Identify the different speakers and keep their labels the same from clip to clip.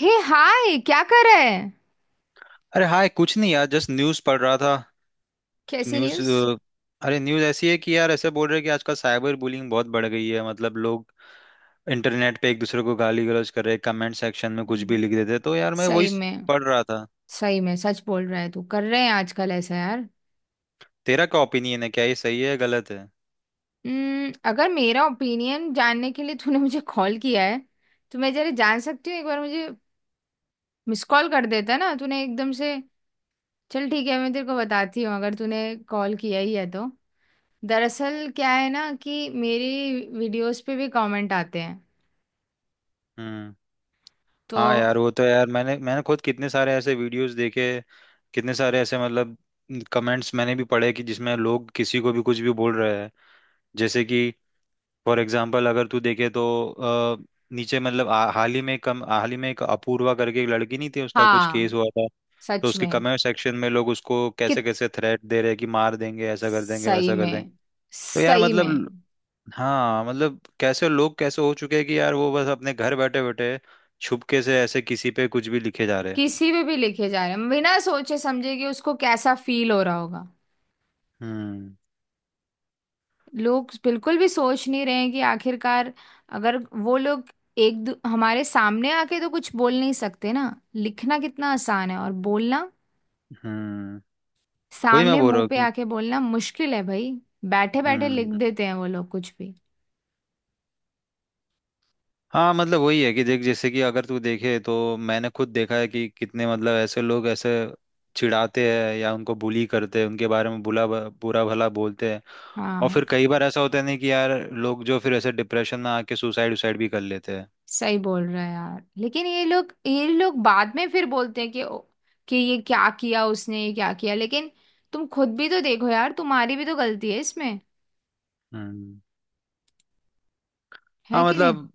Speaker 1: हे hi, क्या कर रहा है?
Speaker 2: अरे हाय, कुछ नहीं यार, जस्ट न्यूज़ पढ़ रहा था। तो
Speaker 1: कैसी
Speaker 2: न्यूज़
Speaker 1: न्यूज़?
Speaker 2: अ, अरे, न्यूज़ ऐसी है कि यार, ऐसे बोल रहे हैं कि आजकल साइबर बुलिंग बहुत बढ़ गई है। मतलब लोग इंटरनेट पे एक दूसरे को गाली गलौज कर रहे हैं, कमेंट सेक्शन में कुछ भी
Speaker 1: हम्म।
Speaker 2: लिख देते हैं। तो यार मैं वही
Speaker 1: सही में?
Speaker 2: पढ़ रहा था।
Speaker 1: सही में सच बोल रहा है तू। कर रहे हैं आजकल ऐसा, यार।
Speaker 2: तेरा क्या ओपिनियन है? क्या ये सही है या गलत है?
Speaker 1: अगर मेरा ओपिनियन जानने के लिए तूने मुझे कॉल किया है तो मैं जरा जान सकती हूँ एक बार। मुझे मिस कॉल कर देता ना तूने एकदम से। चल, ठीक है, मैं तेरे को बताती हूँ अगर तूने कॉल किया ही है तो। दरअसल क्या है ना कि मेरी वीडियोस पे भी कमेंट आते हैं।
Speaker 2: हम्म।
Speaker 1: तो
Speaker 2: हाँ यार, वो तो यार मैंने मैंने खुद कितने सारे ऐसे वीडियोस देखे, कितने सारे ऐसे मतलब कमेंट्स मैंने भी पढ़े कि जिसमें लोग किसी को भी कुछ भी बोल रहे हैं। जैसे कि फॉर एग्जाम्पल अगर तू देखे तो अ, नीचे मतलब हाल ही में कम हाल ही में एक अपूर्वा करके एक लड़की नहीं थी, उसका कुछ
Speaker 1: हाँ,
Speaker 2: केस हुआ था। तो
Speaker 1: सच
Speaker 2: उसके
Speaker 1: में।
Speaker 2: कमेंट सेक्शन में लोग उसको कैसे
Speaker 1: कित
Speaker 2: कैसे थ्रेट दे रहे हैं कि मार देंगे, ऐसा कर देंगे,
Speaker 1: सही
Speaker 2: वैसा कर
Speaker 1: में।
Speaker 2: देंगे। तो यार
Speaker 1: सही में।
Speaker 2: मतलब हाँ मतलब, कैसे लोग कैसे हो चुके हैं कि यार वो बस अपने घर बैठे बैठे छुपके से ऐसे किसी पे कुछ भी लिखे जा रहे हैं।
Speaker 1: किसी पे भी लिखे जा रहे हैं बिना सोचे समझे कि उसको कैसा फील हो रहा होगा।
Speaker 2: हम्म।
Speaker 1: लोग बिल्कुल भी सोच नहीं रहे हैं कि आखिरकार अगर वो लोग हमारे सामने आके तो कुछ बोल नहीं सकते ना। लिखना कितना आसान है और बोलना
Speaker 2: हम्म। वही मैं
Speaker 1: सामने
Speaker 2: बोल रहा
Speaker 1: मुंह
Speaker 2: हूँ
Speaker 1: पे
Speaker 2: कि।
Speaker 1: आके बोलना मुश्किल है, भाई। बैठे बैठे लिख
Speaker 2: हम्म।
Speaker 1: देते हैं वो लोग कुछ भी।
Speaker 2: हाँ मतलब वही है कि देख, जैसे कि अगर तू देखे तो मैंने खुद देखा है कि कितने मतलब ऐसे लोग ऐसे चिढ़ाते हैं या उनको बुली करते हैं, उनके बारे में बुला बुरा भला बोलते हैं। और
Speaker 1: हाँ,
Speaker 2: फिर कई बार ऐसा होता है नहीं कि यार लोग जो फिर ऐसे डिप्रेशन में आके सुसाइड उसाइड भी कर लेते हैं।
Speaker 1: सही बोल रहा है यार। लेकिन ये लोग बाद में फिर बोलते हैं कि कि ये क्या किया उसने, ये क्या किया। लेकिन तुम खुद भी तो देखो यार, तुम्हारी भी तो गलती है इसमें।
Speaker 2: हम्म।
Speaker 1: है
Speaker 2: हाँ
Speaker 1: कि नहीं?
Speaker 2: मतलब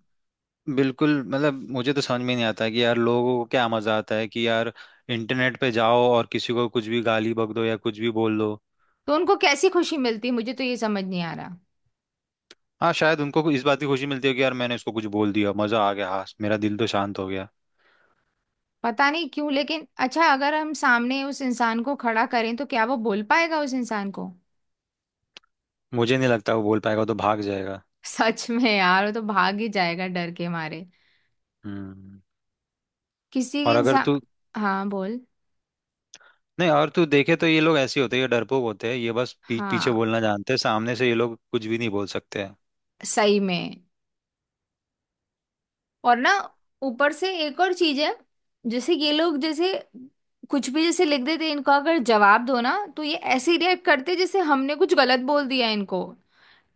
Speaker 2: बिल्कुल मतलब, मुझे तो समझ में नहीं आता कि यार लोगों को क्या मजा आता है कि यार इंटरनेट पे जाओ और किसी को कुछ भी गाली बक दो या कुछ भी बोल दो।
Speaker 1: तो उनको कैसी खुशी मिलती, मुझे तो ये समझ नहीं आ रहा।
Speaker 2: हाँ, शायद उनको इस बात की खुशी मिलती है कि यार मैंने इसको कुछ बोल दिया, मजा आ गया, हाँ मेरा दिल तो शांत हो गया।
Speaker 1: पता नहीं क्यों, लेकिन अच्छा, अगर हम सामने उस इंसान को खड़ा करें तो क्या वो बोल पाएगा उस इंसान को?
Speaker 2: मुझे नहीं लगता वो बोल पाएगा, वो तो भाग जाएगा।
Speaker 1: सच में यार, वो तो भाग ही जाएगा डर के मारे।
Speaker 2: हम्म।
Speaker 1: किसी के
Speaker 2: और अगर
Speaker 1: इंसान।
Speaker 2: तू।
Speaker 1: हाँ, बोल।
Speaker 2: नहीं, और तू देखे तो ये लोग ऐसे ही होते हैं, ये डरपोक होते हैं, ये बस पीठ पीछे
Speaker 1: हाँ,
Speaker 2: बोलना जानते हैं, सामने से ये लोग कुछ भी नहीं बोल सकते हैं।
Speaker 1: सही में। और ना, ऊपर से एक और चीज है। जैसे ये लोग जैसे कुछ भी जैसे लिख देते, इनको अगर जवाब दो ना तो ये ऐसे रिएक्ट करते जैसे हमने कुछ गलत बोल दिया। इनको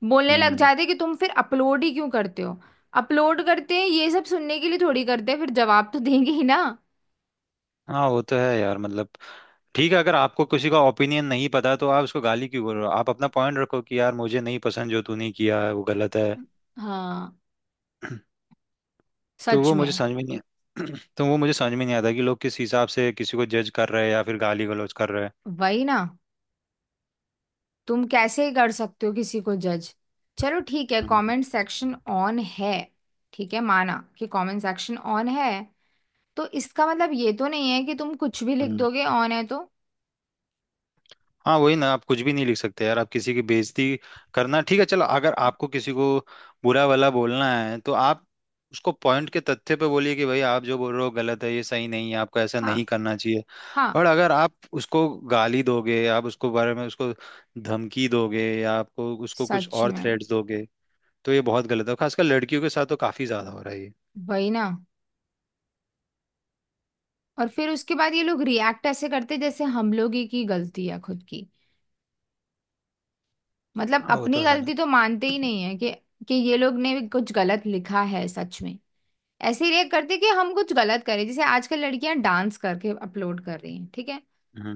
Speaker 1: बोलने लग
Speaker 2: हम्म।
Speaker 1: जाते हैं कि तुम फिर अपलोड ही क्यों करते हो। अपलोड करते हैं ये सब सुनने के लिए थोड़ी करते हैं, फिर जवाब तो देंगे ही ना।
Speaker 2: हाँ वो तो है यार मतलब। ठीक है, अगर आपको किसी का ओपिनियन नहीं पता तो आप उसको गाली क्यों बोल रहे हो? आप अपना पॉइंट रखो कि यार मुझे नहीं पसंद जो तूने किया है, वो गलत है।
Speaker 1: हाँ,
Speaker 2: तो
Speaker 1: सच
Speaker 2: वो मुझे
Speaker 1: में।
Speaker 2: समझ में नहीं। तो वो मुझे समझ में नहीं आता कि लोग किस हिसाब से किसी को जज कर रहे हैं या फिर गाली गलौज कर रहे हैं।
Speaker 1: वही ना। तुम कैसे कर सकते हो किसी को जज? चलो ठीक है,
Speaker 2: हम्म।
Speaker 1: कमेंट सेक्शन ऑन है। ठीक है, माना कि कमेंट सेक्शन ऑन है। तो इसका मतलब ये तो नहीं है कि तुम कुछ भी लिख
Speaker 2: हम्म।
Speaker 1: दोगे, ऑन है तो।
Speaker 2: हाँ वही ना, आप कुछ भी नहीं लिख सकते यार, आप किसी की बेइज्जती करना ठीक है? चलो, अगर आपको किसी को बुरा वाला बोलना है तो आप उसको पॉइंट के तथ्य पे बोलिए कि भाई आप जो बोल रहे हो गलत है, ये सही नहीं है, आपको ऐसा
Speaker 1: हाँ,
Speaker 2: नहीं करना चाहिए।
Speaker 1: हाँ।
Speaker 2: और अगर आप उसको गाली दोगे, आप उसको बारे में उसको धमकी दोगे या आपको उसको कुछ
Speaker 1: सच
Speaker 2: और
Speaker 1: में।
Speaker 2: थ्रेट्स दोगे तो ये बहुत गलत है। खासकर लड़कियों के साथ तो काफी ज्यादा हो रहा है ये।
Speaker 1: वही ना। और फिर उसके बाद ये लोग रिएक्ट ऐसे करते जैसे हम लोग ही की गलती है खुद की। मतलब
Speaker 2: हाँ, वो
Speaker 1: अपनी
Speaker 2: तो है ना।
Speaker 1: गलती तो मानते ही नहीं है कि ये लोग ने भी कुछ गलत लिखा है। सच में। ऐसे ही रिएक्ट करते कि हम कुछ गलत करें। जैसे आजकल लड़कियां डांस करके अपलोड कर रही हैं, ठीक है।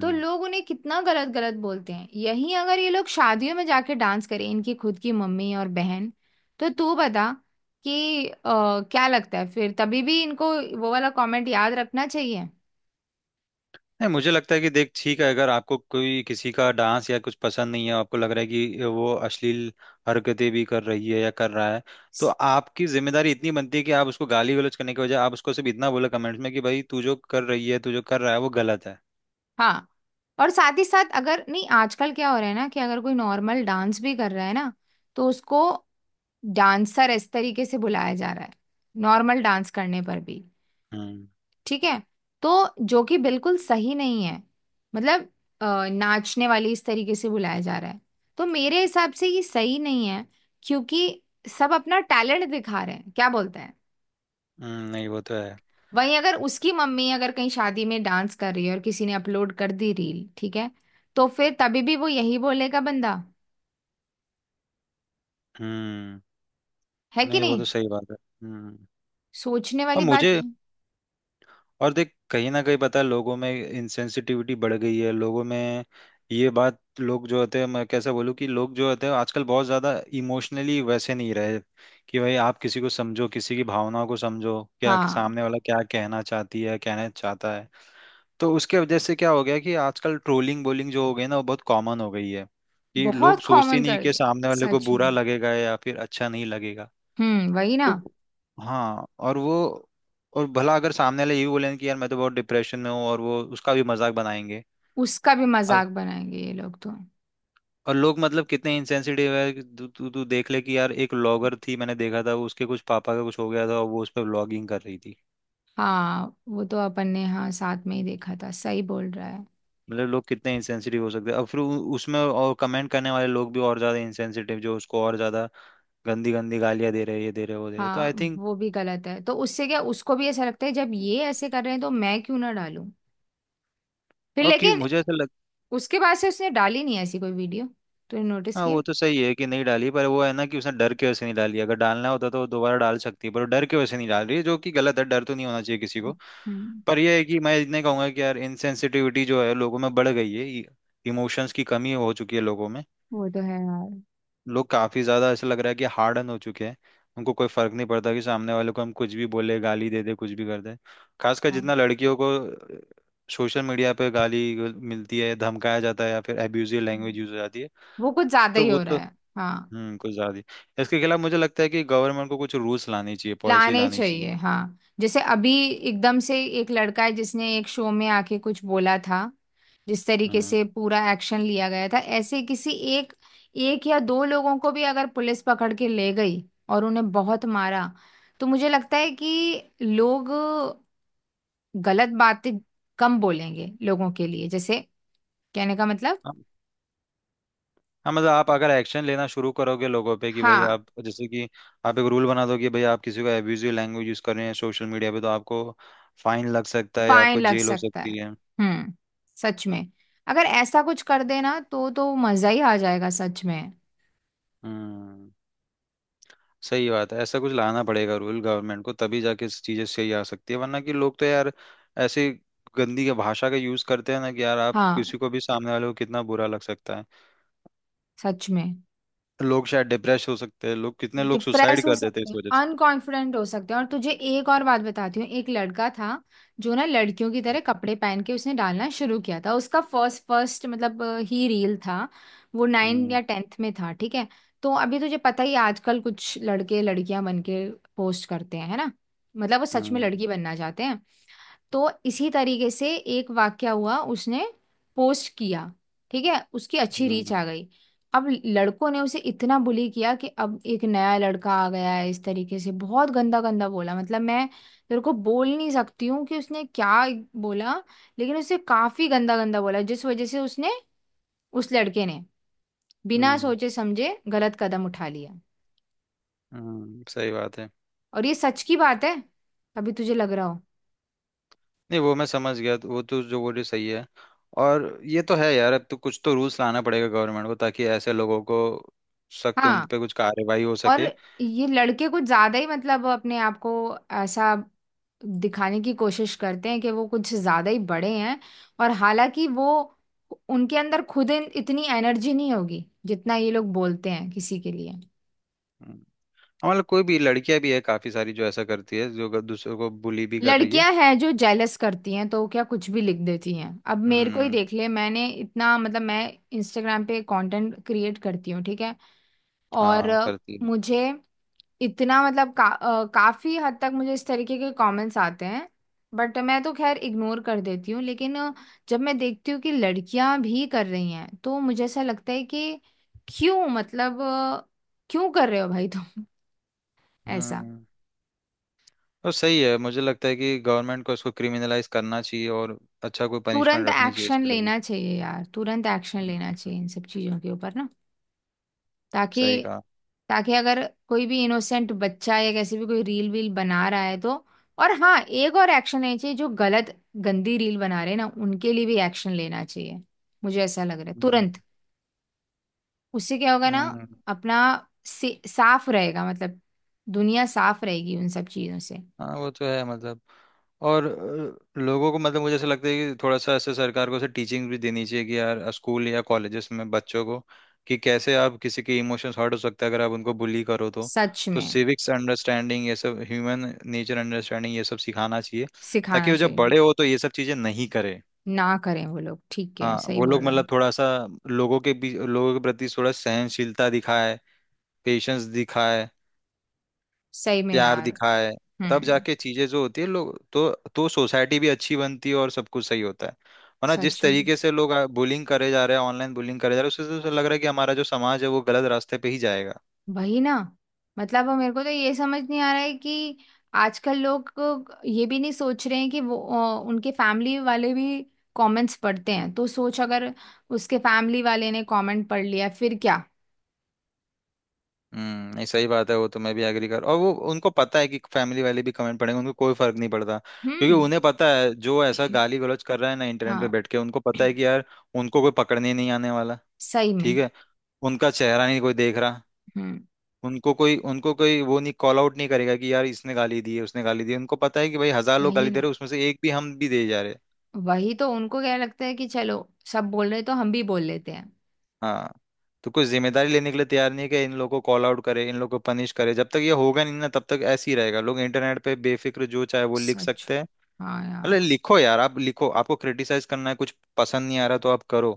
Speaker 1: तो लोग उन्हें कितना गलत गलत बोलते हैं। यहीं अगर ये लोग शादियों में जाके डांस करें इनकी खुद की मम्मी और बहन। तो तू बता कि क्या लगता है फिर, तभी भी इनको वो वाला कमेंट याद रखना चाहिए?
Speaker 2: नहीं मुझे लगता है कि देख, ठीक है, अगर आपको कोई किसी का डांस या कुछ पसंद नहीं है, आपको लग रहा है कि वो अश्लील हरकतें भी कर रही है या कर रहा है, तो आपकी जिम्मेदारी इतनी बनती है कि आप उसको गाली गलौज करने के बजाय आप उसको सिर्फ इतना बोलो कमेंट्स में कि भाई तू जो कर रही है, तू जो कर रहा है वो गलत है।
Speaker 1: हाँ। और साथ ही साथ अगर, नहीं, आजकल क्या हो रहा है ना कि अगर कोई नॉर्मल डांस भी कर रहा है ना तो उसको डांसर इस तरीके से बुलाया जा रहा है नॉर्मल डांस करने पर भी।
Speaker 2: हम्म।
Speaker 1: ठीक है। तो जो कि बिल्कुल सही नहीं है। मतलब नाचने वाली इस तरीके से बुलाया जा रहा है। तो मेरे हिसाब से ये सही नहीं है, क्योंकि सब अपना टैलेंट दिखा रहे हैं, क्या बोलते हैं।
Speaker 2: नहीं वो तो है।
Speaker 1: वहीं अगर उसकी मम्मी अगर कहीं शादी में डांस कर रही है और किसी ने अपलोड कर दी रील, ठीक है, तो फिर तभी भी वो यही बोलेगा बंदा।
Speaker 2: हम्म।
Speaker 1: है कि
Speaker 2: नहीं वो
Speaker 1: नहीं?
Speaker 2: तो सही बात है। हम्म।
Speaker 1: सोचने
Speaker 2: और
Speaker 1: वाली बात
Speaker 2: मुझे,
Speaker 1: है।
Speaker 2: और देख, कहीं ना कहीं पता है लोगों में इनसेंसिटिविटी बढ़ गई है, लोगों में ये बात, लोग जो होते हैं, मैं कैसे बोलूँ कि लोग जो होते हैं आजकल बहुत ज़्यादा इमोशनली वैसे नहीं रहे कि भाई आप किसी को समझो, किसी की भावनाओं को समझो क्या
Speaker 1: हाँ,
Speaker 2: सामने वाला क्या कहना चाहती है, कहना चाहता है। तो उसके वजह से क्या हो गया कि आजकल ट्रोलिंग बोलिंग जो हो गई ना, वो बहुत कॉमन हो गई है कि लोग
Speaker 1: बहुत
Speaker 2: सोचते ही
Speaker 1: कॉमन
Speaker 2: नहीं
Speaker 1: कर
Speaker 2: कि
Speaker 1: दिया।
Speaker 2: सामने वाले को
Speaker 1: सच में।
Speaker 2: बुरा लगेगा या फिर अच्छा नहीं लगेगा।
Speaker 1: हम्म। वही ना।
Speaker 2: तो हाँ और वो, और भला अगर सामने वाले ये भी बोलेंगे कि यार मैं तो बहुत डिप्रेशन में हूँ, और वो उसका भी मजाक बनाएंगे।
Speaker 1: उसका भी मजाक
Speaker 2: अब-
Speaker 1: बनाएंगे ये लोग तो।
Speaker 2: और लोग मतलब कितने इंसेंसिटिव है कि तू तू तू देख ले कि यार, एक व्लॉगर थी, मैंने देखा था, उसके कुछ पापा का कुछ हो गया था और वो उस पर व्लॉगिंग कर रही थी।
Speaker 1: हाँ, वो तो अपन ने, हाँ, साथ में ही देखा था, सही बोल रहा है।
Speaker 2: मतलब लोग कितने इंसेंसिटिव हो सकते हैं। अब फिर उसमें और कमेंट करने वाले लोग भी और ज्यादा इंसेंसिटिव, जो उसको और ज्यादा गंदी गंदी गालियां दे रहे हैं, ये दे रहे हैं, वो दे रहे हैं। तो
Speaker 1: हाँ,
Speaker 2: आई थिंक
Speaker 1: वो भी गलत है तो उससे क्या, उसको भी ऐसा लगता है जब ये ऐसे कर रहे हैं तो मैं क्यों ना डालूं। फिर
Speaker 2: और कि
Speaker 1: लेकिन
Speaker 2: मुझे ऐसा।
Speaker 1: उसके बाद से उसने डाली नहीं ऐसी कोई वीडियो। तूने नोटिस
Speaker 2: हाँ
Speaker 1: किया?
Speaker 2: वो तो सही है कि नहीं डाली, पर वो है ना कि उसने डर के वजह से नहीं डाली, अगर डालना होता तो वो दोबारा डाल सकती है, पर वो डर के वजह से नहीं डाल रही है, जो कि गलत है। डर तो नहीं होना चाहिए किसी को।
Speaker 1: हम्म
Speaker 2: पर यह है कि मैं इतने कहूंगा कि यार इनसेंसिटिविटी जो है लोगों में बढ़ गई है, इमोशंस की कमी हो चुकी है लोगों में।
Speaker 1: वो तो है यार।
Speaker 2: लोग काफी ज्यादा ऐसा लग रहा है कि हार्डन हो चुके हैं, उनको कोई फर्क नहीं पड़ता कि सामने वाले को हम कुछ भी बोले, गाली दे दे, कुछ भी कर दे। खासकर
Speaker 1: हाँ।
Speaker 2: जितना लड़कियों को सोशल मीडिया पे गाली मिलती है, धमकाया जाता है या फिर एब्यूजिव लैंग्वेज
Speaker 1: हम्म।
Speaker 2: यूज हो जाती है।
Speaker 1: वो कुछ ज्यादा
Speaker 2: तो
Speaker 1: ही
Speaker 2: वो
Speaker 1: हो रहा
Speaker 2: तो
Speaker 1: है। हाँ,
Speaker 2: हम्म, कुछ ज्यादा ही। इसके खिलाफ मुझे लगता है कि गवर्नमेंट को कुछ रूल्स लानी चाहिए, पॉलिसी
Speaker 1: लाने
Speaker 2: लानी चाहिए।
Speaker 1: चाहिए। हाँ, जैसे अभी एकदम से एक लड़का है जिसने एक शो में आके कुछ बोला था, जिस तरीके
Speaker 2: हम्म।
Speaker 1: से पूरा एक्शन लिया गया था ऐसे किसी एक, एक या दो लोगों को भी अगर पुलिस पकड़ के ले गई और उन्हें बहुत मारा तो मुझे लगता है कि लोग गलत बातें कम बोलेंगे लोगों के लिए। जैसे कहने का मतलब।
Speaker 2: हम- हाँ मतलब, आप अगर एक्शन लेना शुरू करोगे लोगों पे कि भाई
Speaker 1: हाँ,
Speaker 2: आप, जैसे कि आप एक रूल बना दो कि भाई आप किसी को एब्यूजिव लैंग्वेज यूज कर रहे हैं सोशल मीडिया पे, तो आपको फाइन लग सकता है,
Speaker 1: फाइन
Speaker 2: आपको
Speaker 1: लग
Speaker 2: जेल हो
Speaker 1: सकता है।
Speaker 2: सकती है।
Speaker 1: हम्म। सच में। अगर ऐसा कुछ कर देना तो मजा ही आ जाएगा, सच में।
Speaker 2: हम्म। सही बात है, ऐसा कुछ लाना पड़ेगा रूल गवर्नमेंट को, तभी जाके इस चीजें सही आ सकती है, वरना कि लोग तो यार ऐसे गंदी के भाषा का यूज करते हैं ना कि यार आप
Speaker 1: हाँ,
Speaker 2: किसी को भी, सामने वाले को कितना बुरा लग सकता है।
Speaker 1: सच में।
Speaker 2: लोग शायद डिप्रेस हो सकते हैं, लोग, कितने लोग
Speaker 1: डिप्रेस
Speaker 2: सुसाइड
Speaker 1: हो
Speaker 2: कर देते हैं
Speaker 1: सकते
Speaker 2: इस
Speaker 1: हैं,
Speaker 2: वजह से।
Speaker 1: अनकॉन्फिडेंट हो सकते हैं। और तुझे एक और बात बताती हूँ, एक लड़का था जो ना लड़कियों की तरह कपड़े पहन के उसने डालना शुरू किया था। उसका फर्स्ट फर्स्ट मतलब ही रील था। वो 9
Speaker 2: हम्म।
Speaker 1: या 10th में था, ठीक है। तो अभी तुझे पता ही है, आजकल कुछ लड़के लड़कियां बन के पोस्ट करते हैं, है ना? मतलब वो सच में
Speaker 2: हम्म।
Speaker 1: लड़की बनना चाहते हैं। तो इसी तरीके से एक वाक्या हुआ। उसने पोस्ट किया, ठीक है, उसकी अच्छी रीच
Speaker 2: हम्म।
Speaker 1: आ गई। अब लड़कों ने उसे इतना बुली किया कि अब एक नया लड़का आ गया है इस तरीके से बहुत गंदा गंदा बोला। मतलब मैं तेरे को बोल नहीं सकती हूँ कि उसने क्या बोला। लेकिन उसने काफी गंदा गंदा बोला जिस वजह से उसने, उस लड़के ने बिना
Speaker 2: हम्म।
Speaker 1: सोचे समझे गलत कदम उठा लिया।
Speaker 2: सही बात है।
Speaker 1: और ये सच की बात है। अभी तुझे लग रहा हो,
Speaker 2: नहीं वो मैं समझ गया, वो तो जो बोल रही सही है। और ये तो है यार, अब तो कुछ तो रूल्स लाना पड़ेगा गवर्नमेंट को ताकि ऐसे लोगों को सख्त उन
Speaker 1: हाँ।
Speaker 2: पे कुछ कार्रवाई हो
Speaker 1: और
Speaker 2: सके।
Speaker 1: ये लड़के कुछ ज्यादा ही, मतलब अपने आप को ऐसा दिखाने की कोशिश करते हैं कि वो कुछ ज्यादा ही बड़े हैं। और हालांकि वो उनके अंदर खुद इतनी एनर्जी नहीं होगी जितना ये लोग बोलते हैं किसी के लिए।
Speaker 2: हम्म। हमारे कोई भी लड़कियां भी है काफी सारी जो ऐसा करती है जो दूसरों को बुली भी कर रही है।
Speaker 1: लड़कियां हैं जो जेलस करती हैं तो क्या कुछ भी लिख देती हैं। अब मेरे को ही
Speaker 2: हम्म।
Speaker 1: देख ले, मैंने इतना मतलब, मैं इंस्टाग्राम पे कंटेंट क्रिएट करती हूँ, ठीक है। और
Speaker 2: हाँ करती है।
Speaker 1: मुझे इतना मतलब काफी हद तक मुझे इस तरीके के कमेंट्स आते हैं। बट मैं तो खैर इग्नोर कर देती हूँ। लेकिन जब मैं देखती हूँ कि लड़कियां भी कर रही हैं तो मुझे ऐसा लगता है कि क्यों, मतलब क्यों कर रहे हो भाई तुम? ऐसा।
Speaker 2: हम्म। और सही है, मुझे लगता है कि गवर्नमेंट को इसको क्रिमिनलाइज करना चाहिए और अच्छा कोई पनिशमेंट
Speaker 1: तुरंत
Speaker 2: रखनी चाहिए
Speaker 1: एक्शन
Speaker 2: इसके लिए भी।
Speaker 1: लेना चाहिए यार, तुरंत एक्शन लेना
Speaker 2: हम्म,
Speaker 1: चाहिए इन सब चीजों के ऊपर ना।
Speaker 2: सही
Speaker 1: ताकि
Speaker 2: कहा।
Speaker 1: ताकि अगर कोई भी इनोसेंट बच्चा या कैसे भी कोई रील वील बना रहा है तो। और हाँ, एक और एक्शन लेना चाहिए, जो गलत गंदी रील बना रहे हैं ना, उनके लिए भी एक्शन लेना चाहिए। मुझे ऐसा लग रहा है
Speaker 2: हम्म।
Speaker 1: तुरंत। उससे क्या होगा ना,
Speaker 2: हम्म,
Speaker 1: अपना साफ रहेगा, मतलब दुनिया साफ रहेगी उन सब चीजों से।
Speaker 2: हाँ वो तो है मतलब। और लोगों को मतलब, मुझे ऐसा लगता है कि थोड़ा सा ऐसे सरकार को ऐसे टीचिंग भी देनी चाहिए कि यार स्कूल या कॉलेजेस में बच्चों को कि कैसे आप किसी के इमोशंस हर्ट हो सकते हैं अगर आप उनको बुली करो तो।
Speaker 1: सच
Speaker 2: तो
Speaker 1: में।
Speaker 2: सिविक्स अंडरस्टैंडिंग ये सब, ह्यूमन नेचर अंडरस्टैंडिंग ये सब सिखाना चाहिए ताकि
Speaker 1: सिखाना
Speaker 2: वो जब
Speaker 1: चाहिए।
Speaker 2: बड़े हो तो ये सब चीज़ें नहीं करे।
Speaker 1: ना करें वो लोग, ठीक है,
Speaker 2: हाँ
Speaker 1: सही
Speaker 2: वो
Speaker 1: बोल
Speaker 2: लोग
Speaker 1: रहा है।
Speaker 2: मतलब थोड़ा सा लोगों के बीच, लोगों के प्रति थोड़ा सहनशीलता दिखाए, पेशेंस दिखाए,
Speaker 1: सही में
Speaker 2: प्यार
Speaker 1: यार।
Speaker 2: दिखाए। तब
Speaker 1: हम्म
Speaker 2: जाके चीजें जो होती है लोग तो सोसाइटी भी अच्छी बनती है और सब कुछ सही होता है। वरना जिस
Speaker 1: सच में।
Speaker 2: तरीके से लोग बुलिंग करे जा रहे हैं, ऑनलाइन बुलिंग करे जा रहे हैं, उससे तो लग रहा है कि हमारा जो समाज है वो गलत रास्ते पे ही जाएगा।
Speaker 1: वही ना। मतलब मेरे को तो ये समझ नहीं आ रहा है कि आजकल लोग को ये भी नहीं सोच रहे हैं कि वो उनके फैमिली वाले भी कमेंट्स पढ़ते हैं, तो सोच अगर उसके फैमिली वाले ने कमेंट पढ़ लिया फिर क्या।
Speaker 2: हम्म। नहीं सही बात है, वो तो मैं भी एग्री कर, और वो उनको पता है कि फैमिली वाले भी कमेंट पढ़ेंगे, उनको कोई फर्क नहीं पड़ता क्योंकि
Speaker 1: हम्म।
Speaker 2: उन्हें पता है जो ऐसा गाली गलौज कर रहा है ना इंटरनेट पे
Speaker 1: हाँ।
Speaker 2: बैठ के, उनको पता है कि यार उनको कोई पकड़ने नहीं आने वाला।
Speaker 1: सही में।
Speaker 2: ठीक है, उनका चेहरा नहीं कोई देख रहा,
Speaker 1: हम्म
Speaker 2: उनको कोई, उनको कोई वो नहीं, कॉल आउट नहीं करेगा कि यार इसने गाली दी है, उसने गाली दी है। उनको पता है कि भाई हजार लोग
Speaker 1: वही
Speaker 2: गाली दे
Speaker 1: ना।
Speaker 2: रहे हैं उसमें से एक भी, हम भी दे जा रहे हैं।
Speaker 1: वही तो, उनको क्या लगता है कि चलो, सब बोल रहे तो हम भी बोल लेते हैं।
Speaker 2: हाँ। तो कोई जिम्मेदारी लेने के लिए तैयार नहीं है कि इन लोगों को कॉल आउट करे, इन लोगों को पनिश करे, जब तक ये होगा नहीं ना, तब तक ऐसे ही रहेगा, लोग इंटरनेट पे बेफिक्र जो चाहे वो लिख
Speaker 1: सच।
Speaker 2: सकते हैं।
Speaker 1: हाँ
Speaker 2: अरे
Speaker 1: यार।
Speaker 2: लिखो यार, आप लिखो, आपको क्रिटिसाइज करना है, कुछ पसंद नहीं आ रहा तो आप करो,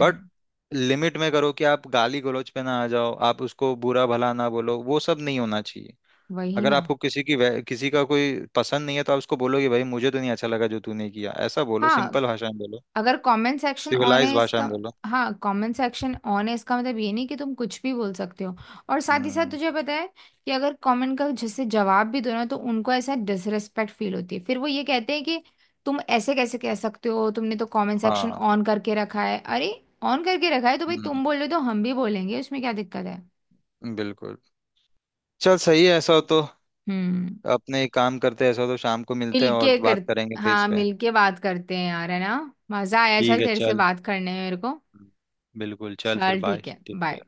Speaker 2: बट लिमिट में करो कि आप गाली गलौज पे ना आ जाओ, आप उसको बुरा भला ना बोलो, वो सब नहीं होना चाहिए।
Speaker 1: वही
Speaker 2: अगर
Speaker 1: ना।
Speaker 2: आपको किसी की किसी का कोई पसंद नहीं है तो आप उसको बोलो कि भाई मुझे तो नहीं अच्छा लगा जो तूने किया, ऐसा बोलो,
Speaker 1: हाँ,
Speaker 2: सिंपल भाषा में बोलो,
Speaker 1: अगर कमेंट सेक्शन ऑन
Speaker 2: सिविलाइज
Speaker 1: है
Speaker 2: भाषा
Speaker 1: इसका,
Speaker 2: में बोलो।
Speaker 1: हाँ कमेंट सेक्शन ऑन है इसका मतलब ये नहीं कि तुम कुछ भी बोल सकते हो। और साथ ही साथ
Speaker 2: हम्म।
Speaker 1: तुझे पता है कि अगर कमेंट का जैसे जवाब भी दो ना तो उनको ऐसा डिसरेस्पेक्ट फील होती है, फिर वो ये कहते हैं कि तुम ऐसे कैसे कह सकते हो, तुमने तो कमेंट सेक्शन
Speaker 2: हाँ।
Speaker 1: ऑन करके रखा है। अरे, ऑन करके रखा है तो भाई,
Speaker 2: हम्म।
Speaker 1: तुम बोल रहे हो तो हम भी बोलेंगे, उसमें क्या दिक्कत है?
Speaker 2: बिल्कुल। चल, सही है ऐसा हो तो
Speaker 1: हम्म।
Speaker 2: अपने एक काम करते हैं, ऐसा हो तो शाम को मिलते हैं और
Speaker 1: मिलके कर।
Speaker 2: बात करेंगे फेस
Speaker 1: हाँ,
Speaker 2: पे।
Speaker 1: मिलके बात करते हैं यार, है ना? मजा आया,
Speaker 2: ठीक
Speaker 1: चल
Speaker 2: है
Speaker 1: तेरे से
Speaker 2: चल।
Speaker 1: बात करने में मेरे को।
Speaker 2: हम्म, बिल्कुल, चल फिर
Speaker 1: चल,
Speaker 2: बाय,
Speaker 1: ठीक है,
Speaker 2: ठीक है।
Speaker 1: बाय।